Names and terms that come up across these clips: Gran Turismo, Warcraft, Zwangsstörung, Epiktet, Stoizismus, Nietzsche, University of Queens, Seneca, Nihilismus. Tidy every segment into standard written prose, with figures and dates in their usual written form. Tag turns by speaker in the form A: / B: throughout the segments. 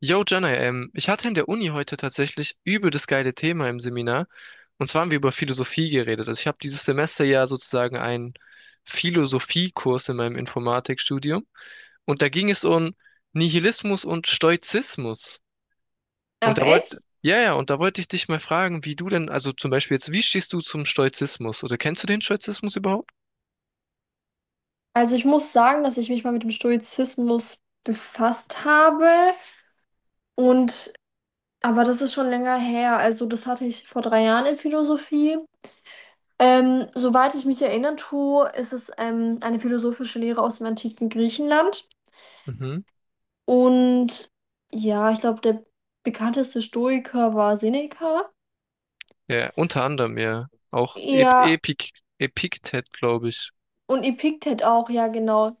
A: Yo, Jana, ich hatte in der Uni heute tatsächlich übel das geile Thema im Seminar. Und zwar haben wir über Philosophie geredet. Also ich habe dieses Semester ja sozusagen einen Philosophiekurs in meinem Informatikstudium. Und da ging es um Nihilismus und Stoizismus.
B: Ach echt?
A: Ja, ja, und da wollte ich dich mal fragen, wie du denn, also zum Beispiel jetzt, wie stehst du zum Stoizismus? Oder kennst du den Stoizismus überhaupt?
B: Also ich muss sagen, dass ich mich mal mit dem Stoizismus befasst habe und aber das ist schon länger her. Also das hatte ich vor 3 Jahren in Philosophie. Soweit ich mich erinnern tue, ist es eine philosophische Lehre aus dem antiken Griechenland.
A: Mhm.
B: Und ja, ich glaube, der bekannteste Stoiker war Seneca.
A: Ja, unter anderem, ja. Auch Ep
B: Er
A: Epik Epiktet, glaube ich.
B: Und Epiktet auch, ja, genau.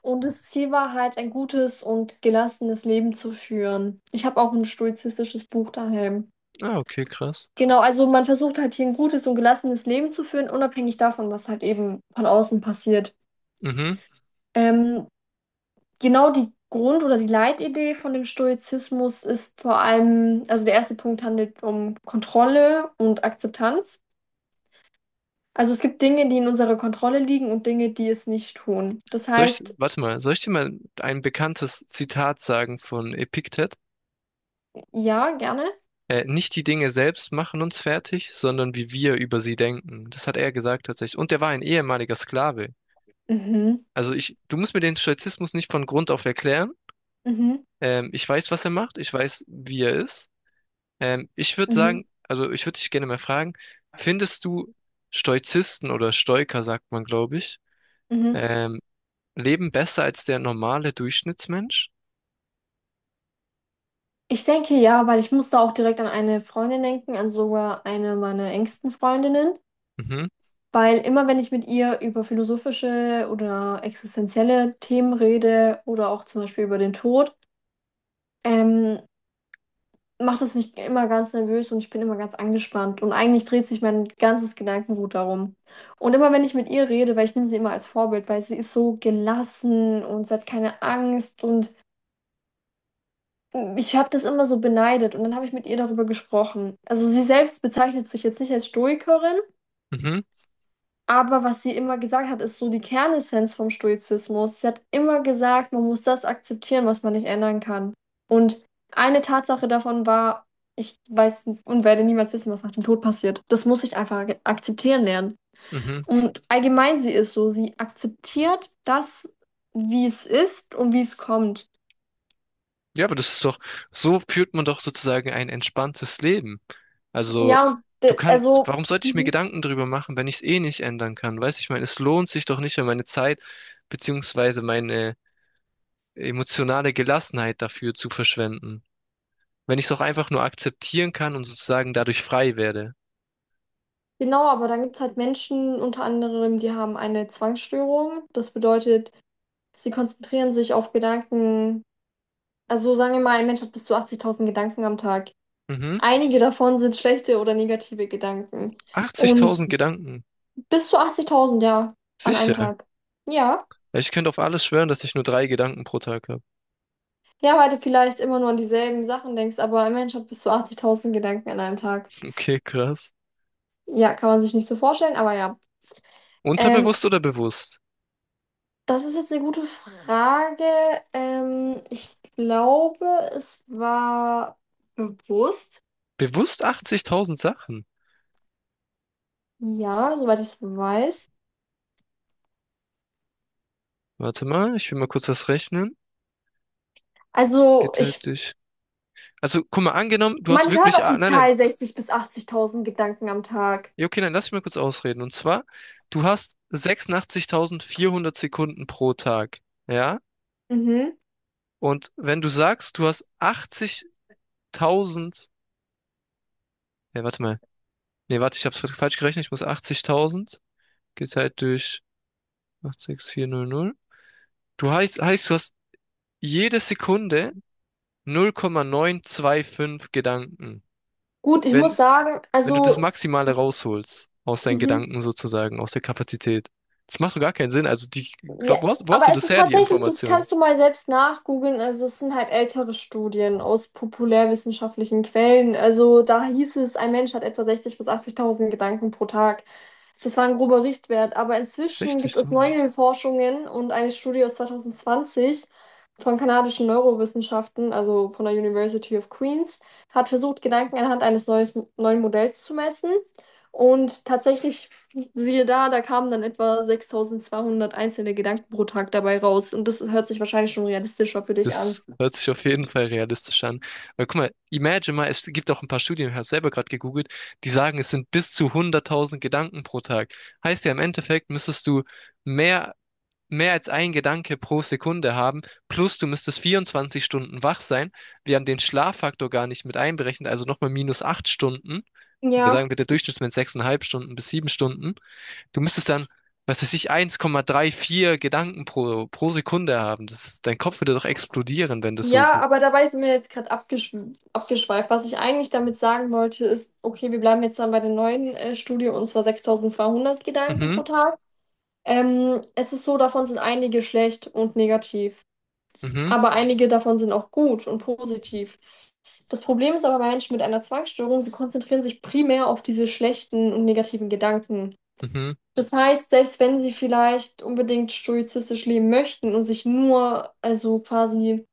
B: Und das Ziel war halt, ein gutes und gelassenes Leben zu führen. Ich habe auch ein stoizistisches Buch daheim.
A: Ah, okay, krass.
B: Genau, also man versucht halt hier ein gutes und gelassenes Leben zu führen, unabhängig davon, was halt eben von außen passiert.
A: Mhm.
B: Ähm, genau, die Grund- oder die Leitidee von dem Stoizismus ist vor allem, also der erste Punkt handelt um Kontrolle und Akzeptanz. Also es gibt Dinge, die in unserer Kontrolle liegen und Dinge, die es nicht tun.
A: Warte mal, soll ich dir mal ein bekanntes Zitat sagen von Epiktet?
B: Ja, gerne.
A: Nicht die Dinge selbst machen uns fertig, sondern wie wir über sie denken. Das hat er gesagt tatsächlich. Und er war ein ehemaliger Sklave.
B: Mhm.
A: Also du musst mir den Stoizismus nicht von Grund auf erklären.
B: Mhm,
A: Ich weiß, was er macht. Ich weiß, wie er ist.
B: mhm,
A: Also ich würde dich gerne mal fragen, findest du Stoizisten oder Stoiker, sagt man, glaube ich,
B: mhm.
A: ähm, leben besser als der normale Durchschnittsmensch?
B: Ich denke ja, weil ich musste auch direkt an eine Freundin denken, an sogar eine meiner engsten Freundinnen,
A: Mhm,
B: weil immer wenn ich mit ihr über philosophische oder existenzielle Themen rede oder auch zum Beispiel über den Tod ähm, macht es mich immer ganz nervös und ich bin immer ganz angespannt und eigentlich dreht sich mein ganzes Gedankengut darum. Und immer wenn ich mit ihr rede, weil ich nehme sie immer als Vorbild, weil sie ist so gelassen und sie hat keine Angst und ich habe das immer so beneidet und dann habe ich mit ihr darüber gesprochen. Also sie selbst bezeichnet sich jetzt nicht als Stoikerin,
A: mhm,
B: aber was sie immer gesagt hat, ist so die Kernessenz vom Stoizismus. Sie hat immer gesagt, man muss das akzeptieren, was man nicht ändern kann. Und eine Tatsache davon war, ich weiß und werde niemals wissen, was nach dem Tod passiert. Das muss ich einfach akzeptieren lernen.
A: mhm.
B: Und allgemein sie ist so, sie akzeptiert das, wie es ist und wie es kommt.
A: Ja, so führt man doch sozusagen ein entspanntes Leben. Also,
B: Ja, und also.
A: warum sollte ich mir
B: Mhm.
A: Gedanken darüber machen, wenn ich es eh nicht ändern kann? Weißt du, ich meine, es lohnt sich doch nicht, meine Zeit beziehungsweise meine emotionale Gelassenheit dafür zu verschwenden. Wenn ich es doch einfach nur akzeptieren kann und sozusagen dadurch frei werde.
B: Genau, aber dann gibt es halt Menschen, unter anderem, die haben eine Zwangsstörung. Das bedeutet, sie konzentrieren sich auf Gedanken. Also sagen wir mal, ein Mensch hat bis zu 80.000 Gedanken am Tag.
A: Mhm.
B: Einige davon sind schlechte oder negative Gedanken. Und
A: 80.000 Gedanken.
B: bis zu 80.000, ja, an einem
A: Sicher.
B: Tag. Ja,
A: Ja, ich könnte auf alles schwören, dass ich nur drei Gedanken pro Tag habe.
B: ja, weil du vielleicht immer nur an dieselben Sachen denkst, aber ein Mensch hat bis zu 80.000 Gedanken an einem Tag.
A: Okay, krass.
B: Ja, kann man sich nicht so vorstellen, aber ja. Ähm,
A: Unterbewusst oder bewusst?
B: Das ist jetzt eine gute Frage. Ich glaube, es war bewusst.
A: Bewusst 80.000 Sachen.
B: Ja, soweit ich es weiß.
A: Warte mal, ich will mal kurz das rechnen.
B: Also,
A: Geteilt durch. Also, guck mal, angenommen, du hast
B: man hört
A: wirklich.
B: auf
A: Ah,
B: die
A: nein, nein.
B: Zahl 60.000 bis 80.000 Gedanken am Tag.
A: Ja, okay, nein, lass mich mal kurz ausreden. Und zwar, du hast 86.400 Sekunden pro Tag. Ja?
B: Mhm.
A: Und wenn du sagst, du hast 80.000. Ja, warte mal. Nee, warte, ich hab's falsch gerechnet. Ich muss 80.000 geteilt durch 68.400. Heißt, du hast jede Sekunde 0,925 Gedanken.
B: Gut, ich
A: Wenn
B: muss sagen,
A: wenn du das
B: also.
A: Maximale rausholst, aus deinen
B: Mhm.
A: Gedanken sozusagen, aus der Kapazität. Das macht doch gar keinen Sinn. Also, ich
B: Ja,
A: glaub, wo hast
B: aber
A: du
B: es
A: das
B: ist
A: her, die
B: tatsächlich, das
A: Information?
B: kannst du mal selbst nachgoogeln. Also, es sind halt ältere Studien aus populärwissenschaftlichen Quellen. Also, da hieß es, ein Mensch hat etwa 60.000 bis 80.000 Gedanken pro Tag. Das war ein grober Richtwert. Aber inzwischen gibt
A: 60
B: es
A: Tonnen.
B: neue Forschungen und eine Studie aus 2020 von kanadischen Neurowissenschaften, also von der University of Queens, hat versucht, Gedanken anhand eines neuen Modells zu messen. Und tatsächlich, siehe da, da kamen dann etwa 6200 einzelne Gedanken pro Tag dabei raus. Und das hört sich wahrscheinlich schon realistischer für dich an.
A: Das hört sich auf jeden Fall realistisch an. Weil guck mal, imagine mal, es gibt auch ein paar Studien, ich habe selber gerade gegoogelt, die sagen, es sind bis zu 100.000 Gedanken pro Tag. Heißt ja, im Endeffekt müsstest du mehr mehr als ein Gedanke pro Sekunde haben, plus du müsstest 24 Stunden wach sein. Wir haben den Schlaffaktor gar nicht mit einberechnet, also nochmal minus 8 Stunden. Wir
B: Ja,
A: sagen bitte Durchschnittswert 6,5 Stunden bis 7 Stunden. Du müsstest dann, was weiß ich, 1,34 Gedanken pro Sekunde haben. Dein Kopf würde doch explodieren, wenn das so
B: ja,
A: gut.
B: aber dabei sind wir jetzt gerade abgeschweift. Was ich eigentlich damit sagen wollte, ist, okay, wir bleiben jetzt dann bei der neuen Studie und zwar 6200 Gedanken
A: Mhm,
B: pro Tag. Es ist so, davon sind einige schlecht und negativ,
A: mhm,
B: aber einige davon sind auch gut und positiv. Das Problem ist aber bei Menschen mit einer Zwangsstörung, sie konzentrieren sich primär auf diese schlechten und negativen Gedanken.
A: mhm,
B: Das heißt, selbst wenn sie vielleicht unbedingt stoizistisch leben möchten und sich nur, also quasi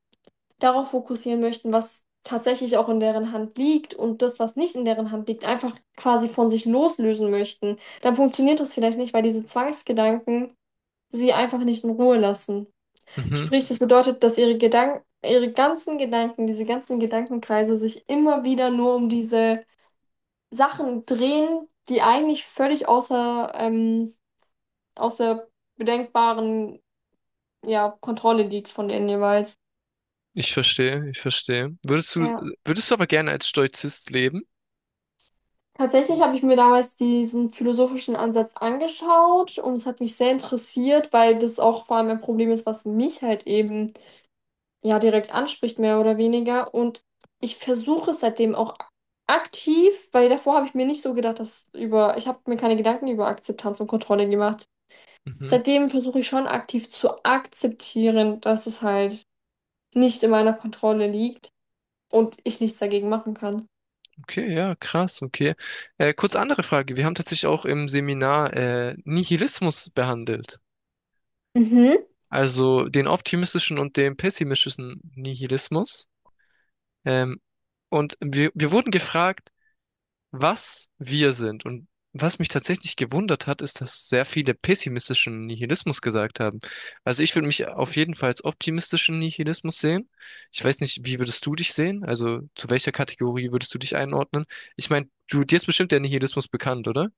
B: darauf fokussieren möchten, was tatsächlich auch in deren Hand liegt und das, was nicht in deren Hand liegt, einfach quasi von sich loslösen möchten, dann funktioniert das vielleicht nicht, weil diese Zwangsgedanken sie einfach nicht in Ruhe lassen.
A: mhm.
B: Sprich, das bedeutet, dass ihre Gedanken, ihre ganzen Gedanken, diese ganzen Gedankenkreise sich immer wieder nur um diese Sachen drehen, die eigentlich völlig außer bedenkbaren, ja, Kontrolle liegt von denen jeweils.
A: Ich verstehe, ich verstehe.
B: Ja,
A: Würdest du aber gerne als Stoizist leben?
B: tatsächlich habe ich mir damals diesen philosophischen Ansatz angeschaut und es hat mich sehr interessiert, weil das auch vor allem ein Problem ist, was mich halt eben ja direkt anspricht, mehr oder weniger. Und ich versuche es seitdem auch aktiv, weil davor habe ich mir nicht so gedacht, ich habe mir keine Gedanken über Akzeptanz und Kontrolle gemacht.
A: Mhm.
B: Seitdem versuche ich schon aktiv zu akzeptieren, dass es halt nicht in meiner Kontrolle liegt und ich nichts dagegen machen kann.
A: Okay, ja, krass, okay. Kurz andere Frage. Wir haben tatsächlich auch im Seminar Nihilismus behandelt.
B: Mhm.
A: Also den optimistischen und den pessimistischen Nihilismus. Ähm, und wir wurden gefragt, was wir sind. Und was mich tatsächlich gewundert hat, ist, dass sehr viele pessimistischen Nihilismus gesagt haben. Also ich würde mich auf jeden Fall als optimistischen Nihilismus sehen. Ich weiß nicht, wie würdest du dich sehen? Also zu welcher Kategorie würdest du dich einordnen? Ich meine, dir ist bestimmt der Nihilismus bekannt, oder?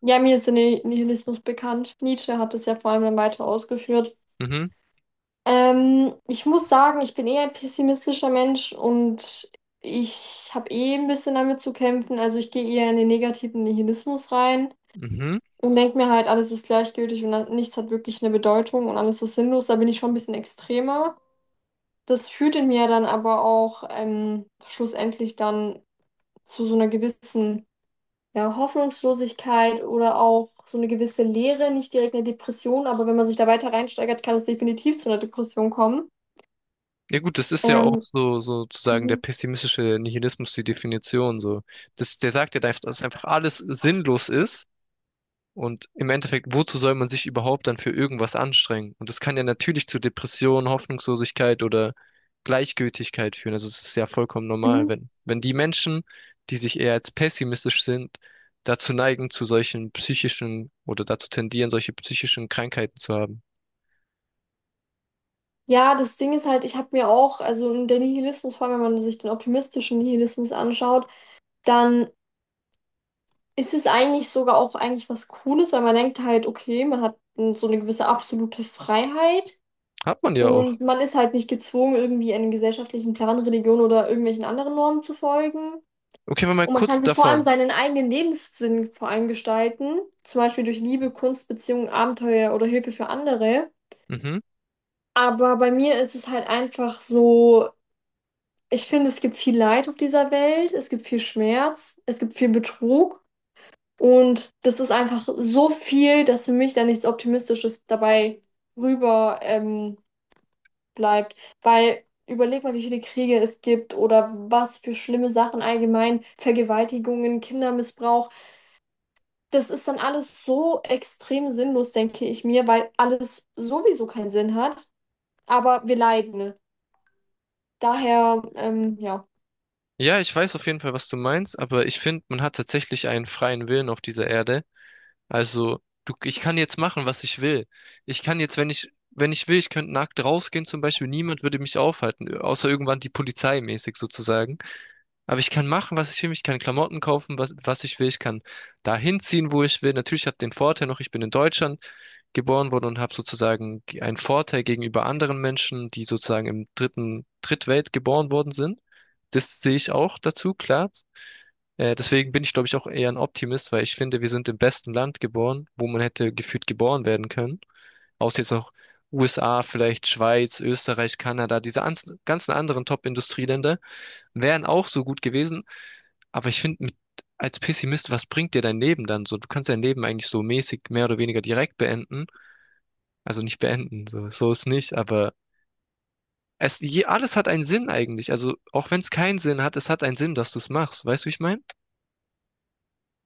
B: Ja, mir ist der Nihilismus bekannt. Nietzsche hat es ja vor allem dann weiter ausgeführt.
A: Mhm,
B: Ich muss sagen, ich bin eher ein pessimistischer Mensch und ich habe eh ein bisschen damit zu kämpfen. Also ich gehe eher in den negativen Nihilismus rein
A: mhm.
B: und denke mir halt, alles ist gleichgültig und nichts hat wirklich eine Bedeutung und alles ist sinnlos. Da bin ich schon ein bisschen extremer. Das führt in mir dann aber auch schlussendlich dann zu so einer gewissen, ja, Hoffnungslosigkeit oder auch so eine gewisse Leere, nicht direkt eine Depression, aber wenn man sich da weiter reinsteigert, kann es definitiv zu einer Depression kommen.
A: Ja gut, das ist ja auch
B: Ähm,
A: so sozusagen der
B: mhm.
A: pessimistische Nihilismus, die Definition so. Der sagt ja, dass einfach alles sinnlos ist. Und im Endeffekt, wozu soll man sich überhaupt dann für irgendwas anstrengen? Und das kann ja natürlich zu Depressionen, Hoffnungslosigkeit oder Gleichgültigkeit führen. Also es ist ja vollkommen normal,
B: Mhm.
A: wenn die Menschen, die sich eher als pessimistisch sind, dazu neigen, zu solchen psychischen oder dazu tendieren, solche psychischen Krankheiten zu haben.
B: Ja, das Ding ist halt, ich habe mir auch, also in der Nihilismus, vor allem wenn man sich den optimistischen Nihilismus anschaut, dann ist es eigentlich sogar auch eigentlich was Cooles, weil man denkt halt, okay, man hat so eine gewisse absolute Freiheit
A: Hat man ja auch.
B: und man ist halt nicht gezwungen, irgendwie einem gesellschaftlichen Plan, Religion oder irgendwelchen anderen Normen zu folgen.
A: Okay, aber mal
B: Und man
A: kurz
B: kann sich vor allem
A: davon.
B: seinen eigenen Lebenssinn vor allem gestalten, zum Beispiel durch Liebe, Kunst, Beziehungen, Abenteuer oder Hilfe für andere.
A: Mhm.
B: Aber bei mir ist es halt einfach so, ich finde, es gibt viel Leid auf dieser Welt, es gibt viel Schmerz, es gibt viel Betrug und das ist einfach so viel, dass für mich da nichts Optimistisches dabei rüber bleibt. Weil überleg mal, wie viele Kriege es gibt oder was für schlimme Sachen allgemein, Vergewaltigungen, Kindermissbrauch. Das ist dann alles so extrem sinnlos, denke ich mir, weil alles sowieso keinen Sinn hat, aber wir leiden. Daher, ja.
A: Ja, ich weiß auf jeden Fall, was du meinst, aber ich finde, man hat tatsächlich einen freien Willen auf dieser Erde. Also, ich kann jetzt machen, was ich will. Ich kann jetzt, wenn ich will, ich könnte nackt rausgehen zum Beispiel. Niemand würde mich aufhalten, außer irgendwann die Polizei mäßig sozusagen. Aber ich kann machen, was ich will. Ich kann Klamotten kaufen, was ich will. Ich kann dahin ziehen, wo ich will. Natürlich habe ich den Vorteil noch, ich bin in Deutschland geboren worden und habe sozusagen einen Vorteil gegenüber anderen Menschen, die sozusagen Drittwelt geboren worden sind. Das sehe ich auch dazu, klar. Deswegen bin ich, glaube ich, auch eher ein Optimist, weil ich finde, wir sind im besten Land geboren, wo man hätte gefühlt geboren werden können. Außer jetzt noch USA, vielleicht Schweiz, Österreich, Kanada, diese ganzen anderen Top-Industrieländer wären auch so gut gewesen. Aber ich finde, als Pessimist, was bringt dir dein Leben dann so? Du kannst dein Leben eigentlich so mäßig mehr oder weniger direkt beenden. Also nicht beenden, so ist nicht, aber alles hat einen Sinn eigentlich. Also auch wenn es keinen Sinn hat, es hat einen Sinn, dass du es machst. Weißt du, wie ich meine?